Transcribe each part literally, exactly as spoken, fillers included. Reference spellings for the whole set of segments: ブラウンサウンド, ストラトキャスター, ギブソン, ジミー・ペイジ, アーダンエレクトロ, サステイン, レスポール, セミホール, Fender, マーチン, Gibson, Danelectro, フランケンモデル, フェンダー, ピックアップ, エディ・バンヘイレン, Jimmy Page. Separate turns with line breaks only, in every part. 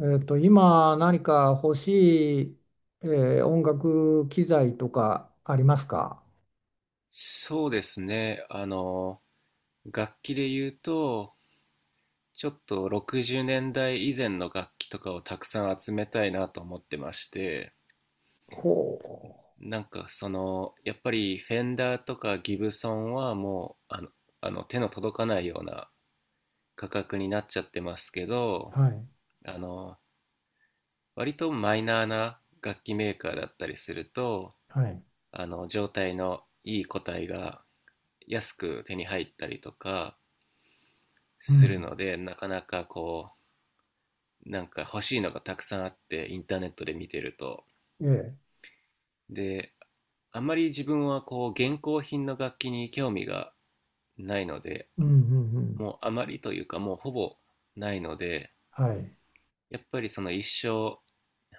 えっと、今何か欲しい、えー音楽機材とかありますか？
そうですね。あの、楽器で言うと、ちょっとろくじゅうねんだい以前の楽器とかをたくさん集めたいなと思ってまして、
ほ
なんかその、やっぱりフェンダーとかギブソンはもう、あの、あの手の届かないような価格になっちゃってますけど、
う。はい。
あの、割とマイナーな楽器メーカーだったりすると、
はい。
あの、状態のいい個体が安く手に入ったりとか
う
する
ん。
ので、なかなかこう、なんか欲しいのがたくさんあって、インターネットで見てると。
ええ。
で、あんまり自分はこう、現行品の楽器に興味がないので、
うんうんうん。
もうあまりというか、もうほぼないので、
はい。
やっぱりその一生、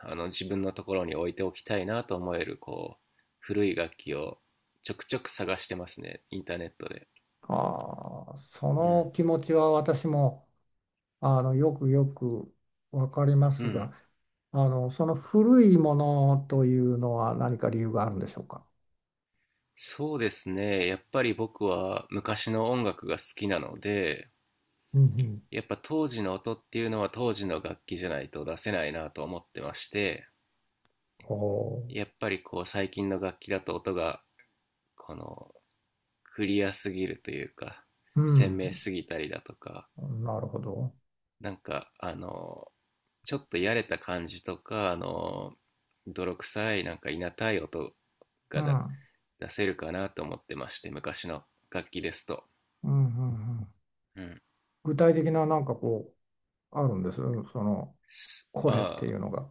あの自分のところに置いておきたいなと思える、こう、古い楽器をちょくちょく探してますね、インターネットで。
ああ、そ
う
の
ん。
気持ちは私も、あの、よくよくわかりま
う
す
ん。
が、あの、その古いものというのは何か理由があるんでしょうか？
そうですね。やっぱり僕は昔の音楽が好きなので、
うんうん。
やっぱ当時の音っていうのは当時の楽器じゃないと出せないなと思ってまして、
ほ
やっぱりこう最近の楽器だと音がこのクリアすぎるというか、
う。う
鮮明
ん。
すぎたりだとか、
なるほど。
なんかあの、ちょっとやれた感じとか、あの、泥臭いなんかいなたい音
う
がだ
ん。
出せるかなと思ってまして、昔の楽器ですと。
うんうんうん。
うん。
具体的ななんかこう、あるんです。その、こ
あ
れってい
あ、
うのが。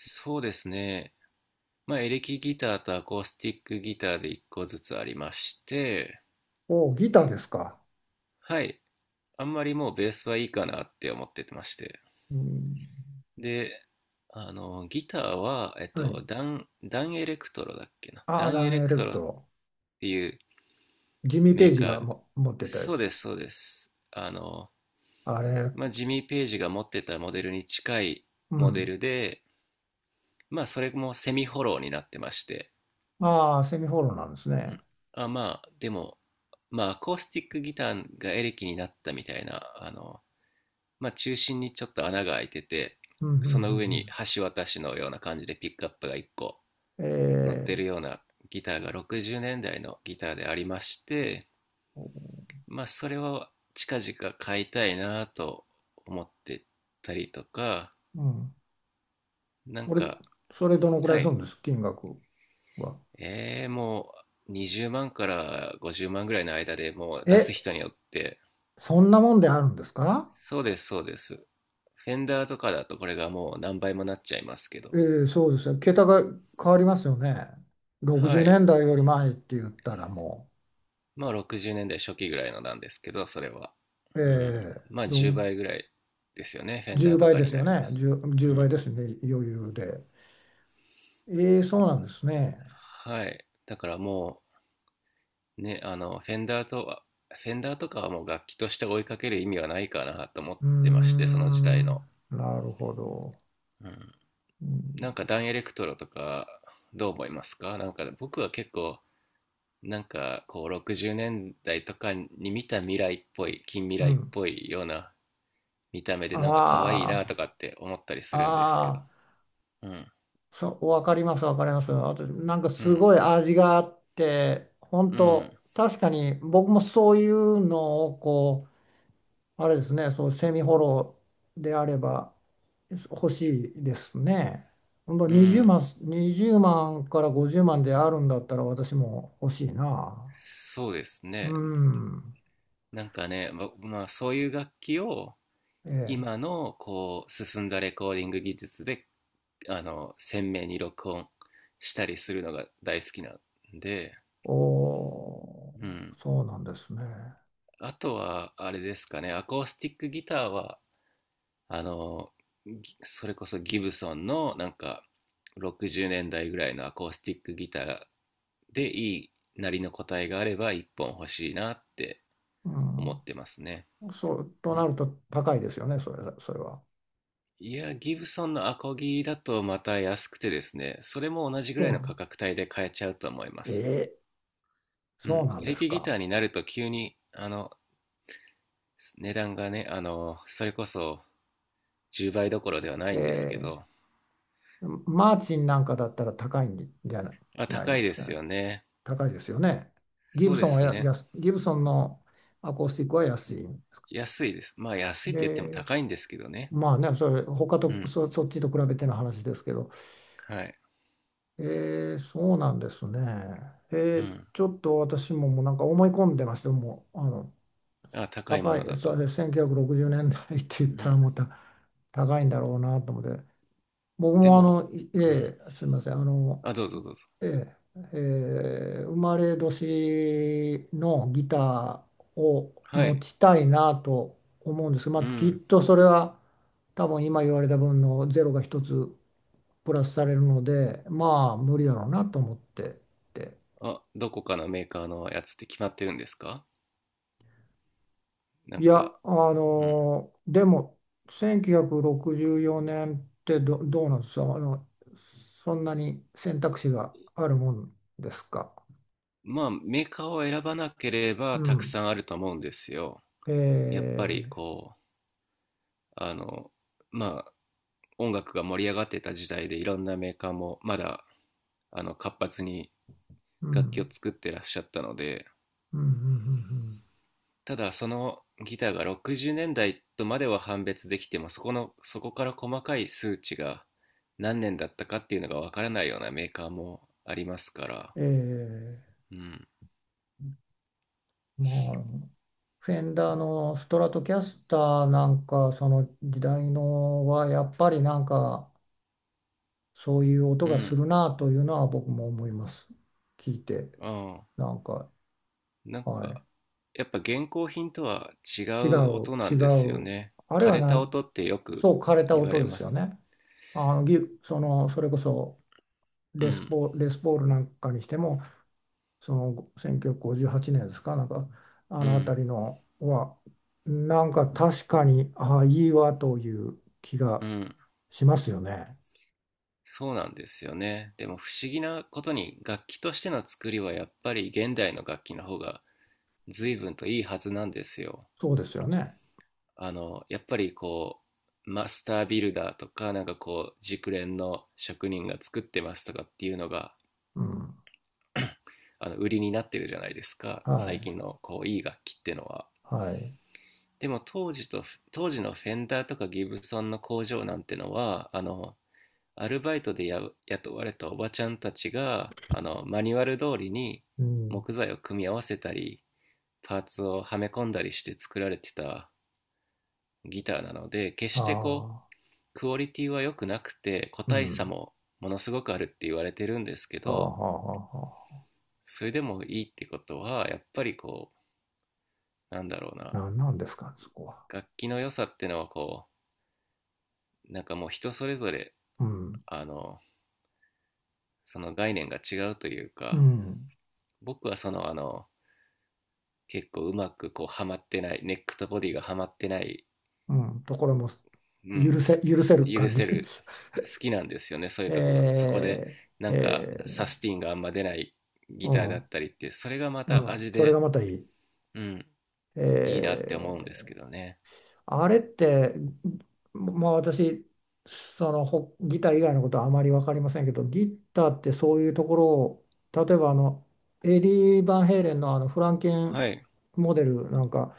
そうですね。まあ、エレキギターとアコースティックギターでいっこずつありまして、
おお、ギターですか。
はい。あんまりもうベースはいいかなって思ってまして。
うん、
で、あの、ギターは、えっ
はい。
と、ダン、ダンエレクトロだっけな。
ア
ダ
ー、
ン
ダ
エレ
ンエ
ク
レ
ト
ク
ロ
ト
っ
ロ。
ていう
ジミー・ペ
メ
イ
ー
ジ
カ
が
ー、
も持ってたや
そう
つ。
です、そうです。あの、
あれ、
まあ、ジミー・ペイジが持ってたモデルに近い
う
モデ
ん。
ルで、まあ、それもセミフォローになってまして、
ああ、セミホールなんです
うん。
ね。
あ、まあ、でも、まあ、アコースティックギターがエレキになったみたいな、あの、まあ、中心にちょっと穴が開いてて、
うん、うん、う
その上に
ん。
橋渡しのような感じでピックアップがいっこ
うん。
乗ってる
え
ようなギターがろくじゅうねんだいのギターでありまして、
ー、
まあ、それを近々買いたいなと思ってたりとか、
うん。
なん
それ、
か、
それどのくら
は
いする
い、
んです、金額は？
えー、もうにじゅうまんからごじゅうまんぐらいの間でもう出す
え、
人によって
そんなもんであるんですか？
そうです、そうです。フェンダーとかだとこれがもう何倍もなっちゃいますけ
え
ど。
ー、そうですね。桁が変わりますよね。60
は
年
い。
代より前って言ったらも
まあろくじゅうねんだい初期ぐらいのなんですけど、それは。
う、
うん。
え
まあ
ー、
10
ろ
倍ぐらいですよね。フェンダー
10
と
倍
か
で
に
す
な
よ
りま
ね。
す。
じゅう
う
倍
ん。
ですね、余裕で。ええ、そうなんですね。
はい。だからもう、ね、あの、フェンダーとは、フェンダーとかはもう楽器として追いかける意味はないかなと思っ
うー
てまして、その時代
ん、
の。
なるほど。
うん。
うん。
なんかダンエレクトロとか、どう思いますか？なんか僕は結構なんかこうろくじゅうねんだいとかに見た未来っぽい近未
う
来っ
ん。
ぽいような見た目でなんか可愛いなと
あ
かって思ったりす
あ、
るんですけど。
ああ、
うん。
そう、わかります、わかります。あと、なんか
う
す
ん。
ごい味があって、本
うん。
当確かに僕もそういうのをこあれですね、そう、セミホロであれば欲しいですね。ほんと
う
20
ん。
万、にじゅうまんからごじゅうまんであるんだったら私も欲しいな。
そうです
う
ね。
ん。
なんかね、ま、まあそういう楽器を
え
今
え。
のこう進んだレコーディング技術であの鮮明に録音したりするのが大好きなんで、
おー、
うん。
そうなんですね。
あとはあれですかね。アコースティックギターはあのそれこそギブソンのなんかろくじゅうねんだいぐらいのアコースティックギターでいいなりの答えがあればいっぽん欲しいなって
う
思って
ん。
ますね。
そう、と
う
な
ん。
ると高いですよね、それ、それは。
いや、ギブソンのアコギだとまた安くてですね、それも同じぐ
そ
ら
う
い
な
の
ん
価格帯で買えちゃうと思いま
え
す。
え、
う
そう
ん。
なん
エ
で
レ
す
キギタ
か？
ーになると急にあの値段がね、あのそれこそじゅうばいどころではな
え
いんですけ
え、
ど。
マーチンなんかだったら高いんじゃない、
あ、
ない
高
ん
い
で
で
すか
す
ね？
よね。
高いですよね。ギ
そ
ブ
うで
ソンは
す
や、
ね。
安ギブソンのアコースティックは安い。
安いです。まあ安いって言っても
え
高いんですけどね。
まあね、それ、他
う
と、
ん。
そ、そっちと比べての話ですけど、
はい。
えーそうなんですね。え
う
ー
ん。
ちょっと私ももうなんか思い込んでました。もう、あの、
あ、高いも
高
のだ
い、そ
と。
れせんきゅうひゃくろくじゅうねんだいって言っ
う
た
ん。
らまた高いんだろうなと思って、僕
で
もあ
も、
の、い
うん。
ええすみません、あの、
あ、どうぞどうぞ。
ええ、ええ、生まれ年のギターを
は
持
い。
ちたいなと思うんです。ま
う
あ、きっ
ん。
とそれは多分今言われた分のゼロが一つプラスされるのでまあ無理だろうなと思ってて、
あ、どこかのメーカーのやつって決まってるんですか？な
い
ん
や、
か、
あ
うん。
のでもせんきゅうひゃくろくじゅうよねんってど、どうなんですか？あのそんなに選択肢があるもんですか？
まあメーカーを選ばなけれ
う
ばたく
ん。
さんあると思うんですよ。
え
やっぱり
え。
こう、あの、まあ音楽が盛り上がってた時代でいろんなメーカーもまだあの活発に
う
楽器を
ん。
作ってらっしゃったので、
うん。うん。
ただそのギターがろくじゅうねんだいとまでは判別できてもそこのそこから細かい数値が何年だったかっていうのがわからないようなメーカーもありますから。
うん。うん。ええ。
うん。
まあ、フェンダーのストラトキャスターなんか、その時代のはやっぱりなんか、そういう音
う
がす
ん。
るなというのは僕も思います。聞いて、
ああ、
なんか、
なん
は
か
い。
やっぱ現行品とは違
違
う
う、
音な
違
んですよ
う。
ね。
あれ
枯
は
れ
な
た
ん、
音ってよく
そう、枯れた
言わ
音
れ
で
ま
すよ
す。
ね。あの、ギ、その、それこそ
う
レス
ん。
ポ、レスポールなんかにしても、そのせんきゅうひゃくごじゅうはちねんですか、なんかあ
う
の
ん。
辺りのは、なんか確かに、ああ、いいわという気
う
が
ん。
しますよね。
そうなんですよね。でも不思議なことに、楽器としての作りはやっぱり現代の楽器の方が随分といいはずなんですよ。
そうですよね。
あの、やっぱりこう、マスタービルダーとか、なんかこう、熟練の職人が作ってますとかっていうのが、
うん。
あの、売りになってるじゃないですか。
は
最
い。
近のこう、いい楽器ってのは。
はい。
でも当時と、当時のフェンダーとかギブソンの工場なんてのは、あの、アルバイトでや雇われたおばちゃんたちが、あの、マニュアル通りに
うん。
木材を組み合わせたり、パーツをはめ込んだりして作られてたギターなので、決してこ
ああ、
うクオリティは良くなくて個
う
体差
ん。
もものすごくあるって言われてるんですけ
ああ、は
ど、
あ、はあは
それでもいいってことはやっぱりこうなんだろう
あ。
な。
なんなんですか、そこは。
楽器の良さってのはこうなんかもう人それぞれ、
うん。
あのその概念が違うという
う
か、
ん。
僕はそのあの結構うまくこうはまってないネックとボディがはまってない。
うん。ところも、
うん、
許せ、
す
許せ
す
る
許
感じ。
せる、好きなんですよね、そういうとこが。そこで、
え
な
ー、
んか、サ
え
スティンがあんま出ない
ー、
ギターだったりっ
う
て、それがま
ん。
た
うん。
味
それが
で、
またいい。
うん、
え
いいなって思うんですけ
ー
どね。
あれって、まあ私、そのほギター以外のことはあまり分かりませんけど、ギターってそういうところを、例えばあの、エディ・バンヘイレンのあのフランケン
はい、
モデルなんか、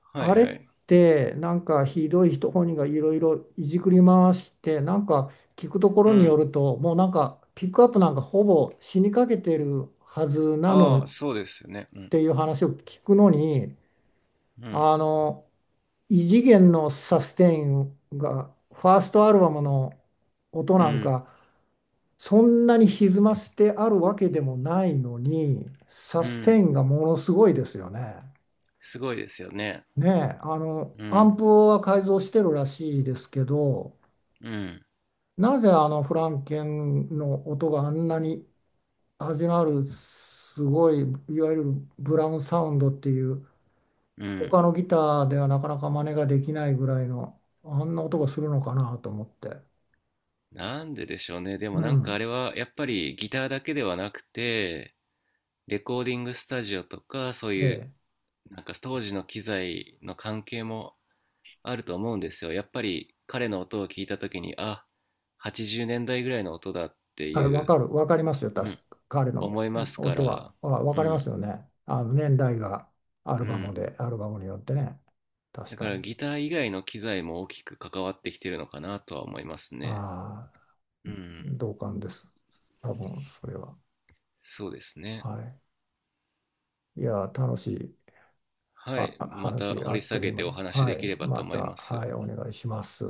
はい、
あれっ
はい。
てなんかひどい人本人がいろいろいじくり回して、なんか聞くとこ
う
ろによ
ん。
ると、もうなんかピックアップなんかほぼ死にかけてるはずなのっ
ああ、そうですよね。うん、
ていう話を聞くのに、
うん、
あの、異次元のサステインがファーストアルバムの音
う
なん
ん、
かそんなに歪ませてあるわけでもないのにサ
う
ステイ
ん。
ンがものすごいですよね。
すごいですよね。
ねえ、あの
う
アン
ん、
プは改造してるらしいですけど、
うん、
なぜあのフランケンの音があんなに味のあるすごい、いわゆるブラウンサウンドっていう
うん。
他のギターではなかなか真似ができないぐらいのあんな音がするのかなと思って。
なんででしょうね。で
う
もなんかあ
ん。
れはやっぱりギターだけではなくて、レコーディングスタジオとかそういう
で、
なんか当時の機材の関係もあると思うんですよ。やっぱり彼の音を聞いた時に、あ、はちじゅうねんだいぐらいの音だって
あれ、
い
わ
う、
かる、わかりますよ、
う
確
ん、
か彼の
思いますか
音は。
ら、
あ、わ
う
かります
ん、
よね。あの年代がアル
う
バム
ん。
で、アルバムによってね。確
だか
か
ら
に。
ギター以外の機材も大きく関わってきてるのかなとは思いますね。
ああ、
うん、
同感です。多分、それは。
そうですね。
はい。いや、楽しい、
は
は、
い、また
話、
掘
あ
り
っ
下
とい
げ
う間
てお
に。
話し
は
でき
い。
ればと
ま
思い
た、
ます。
はい、お願いします。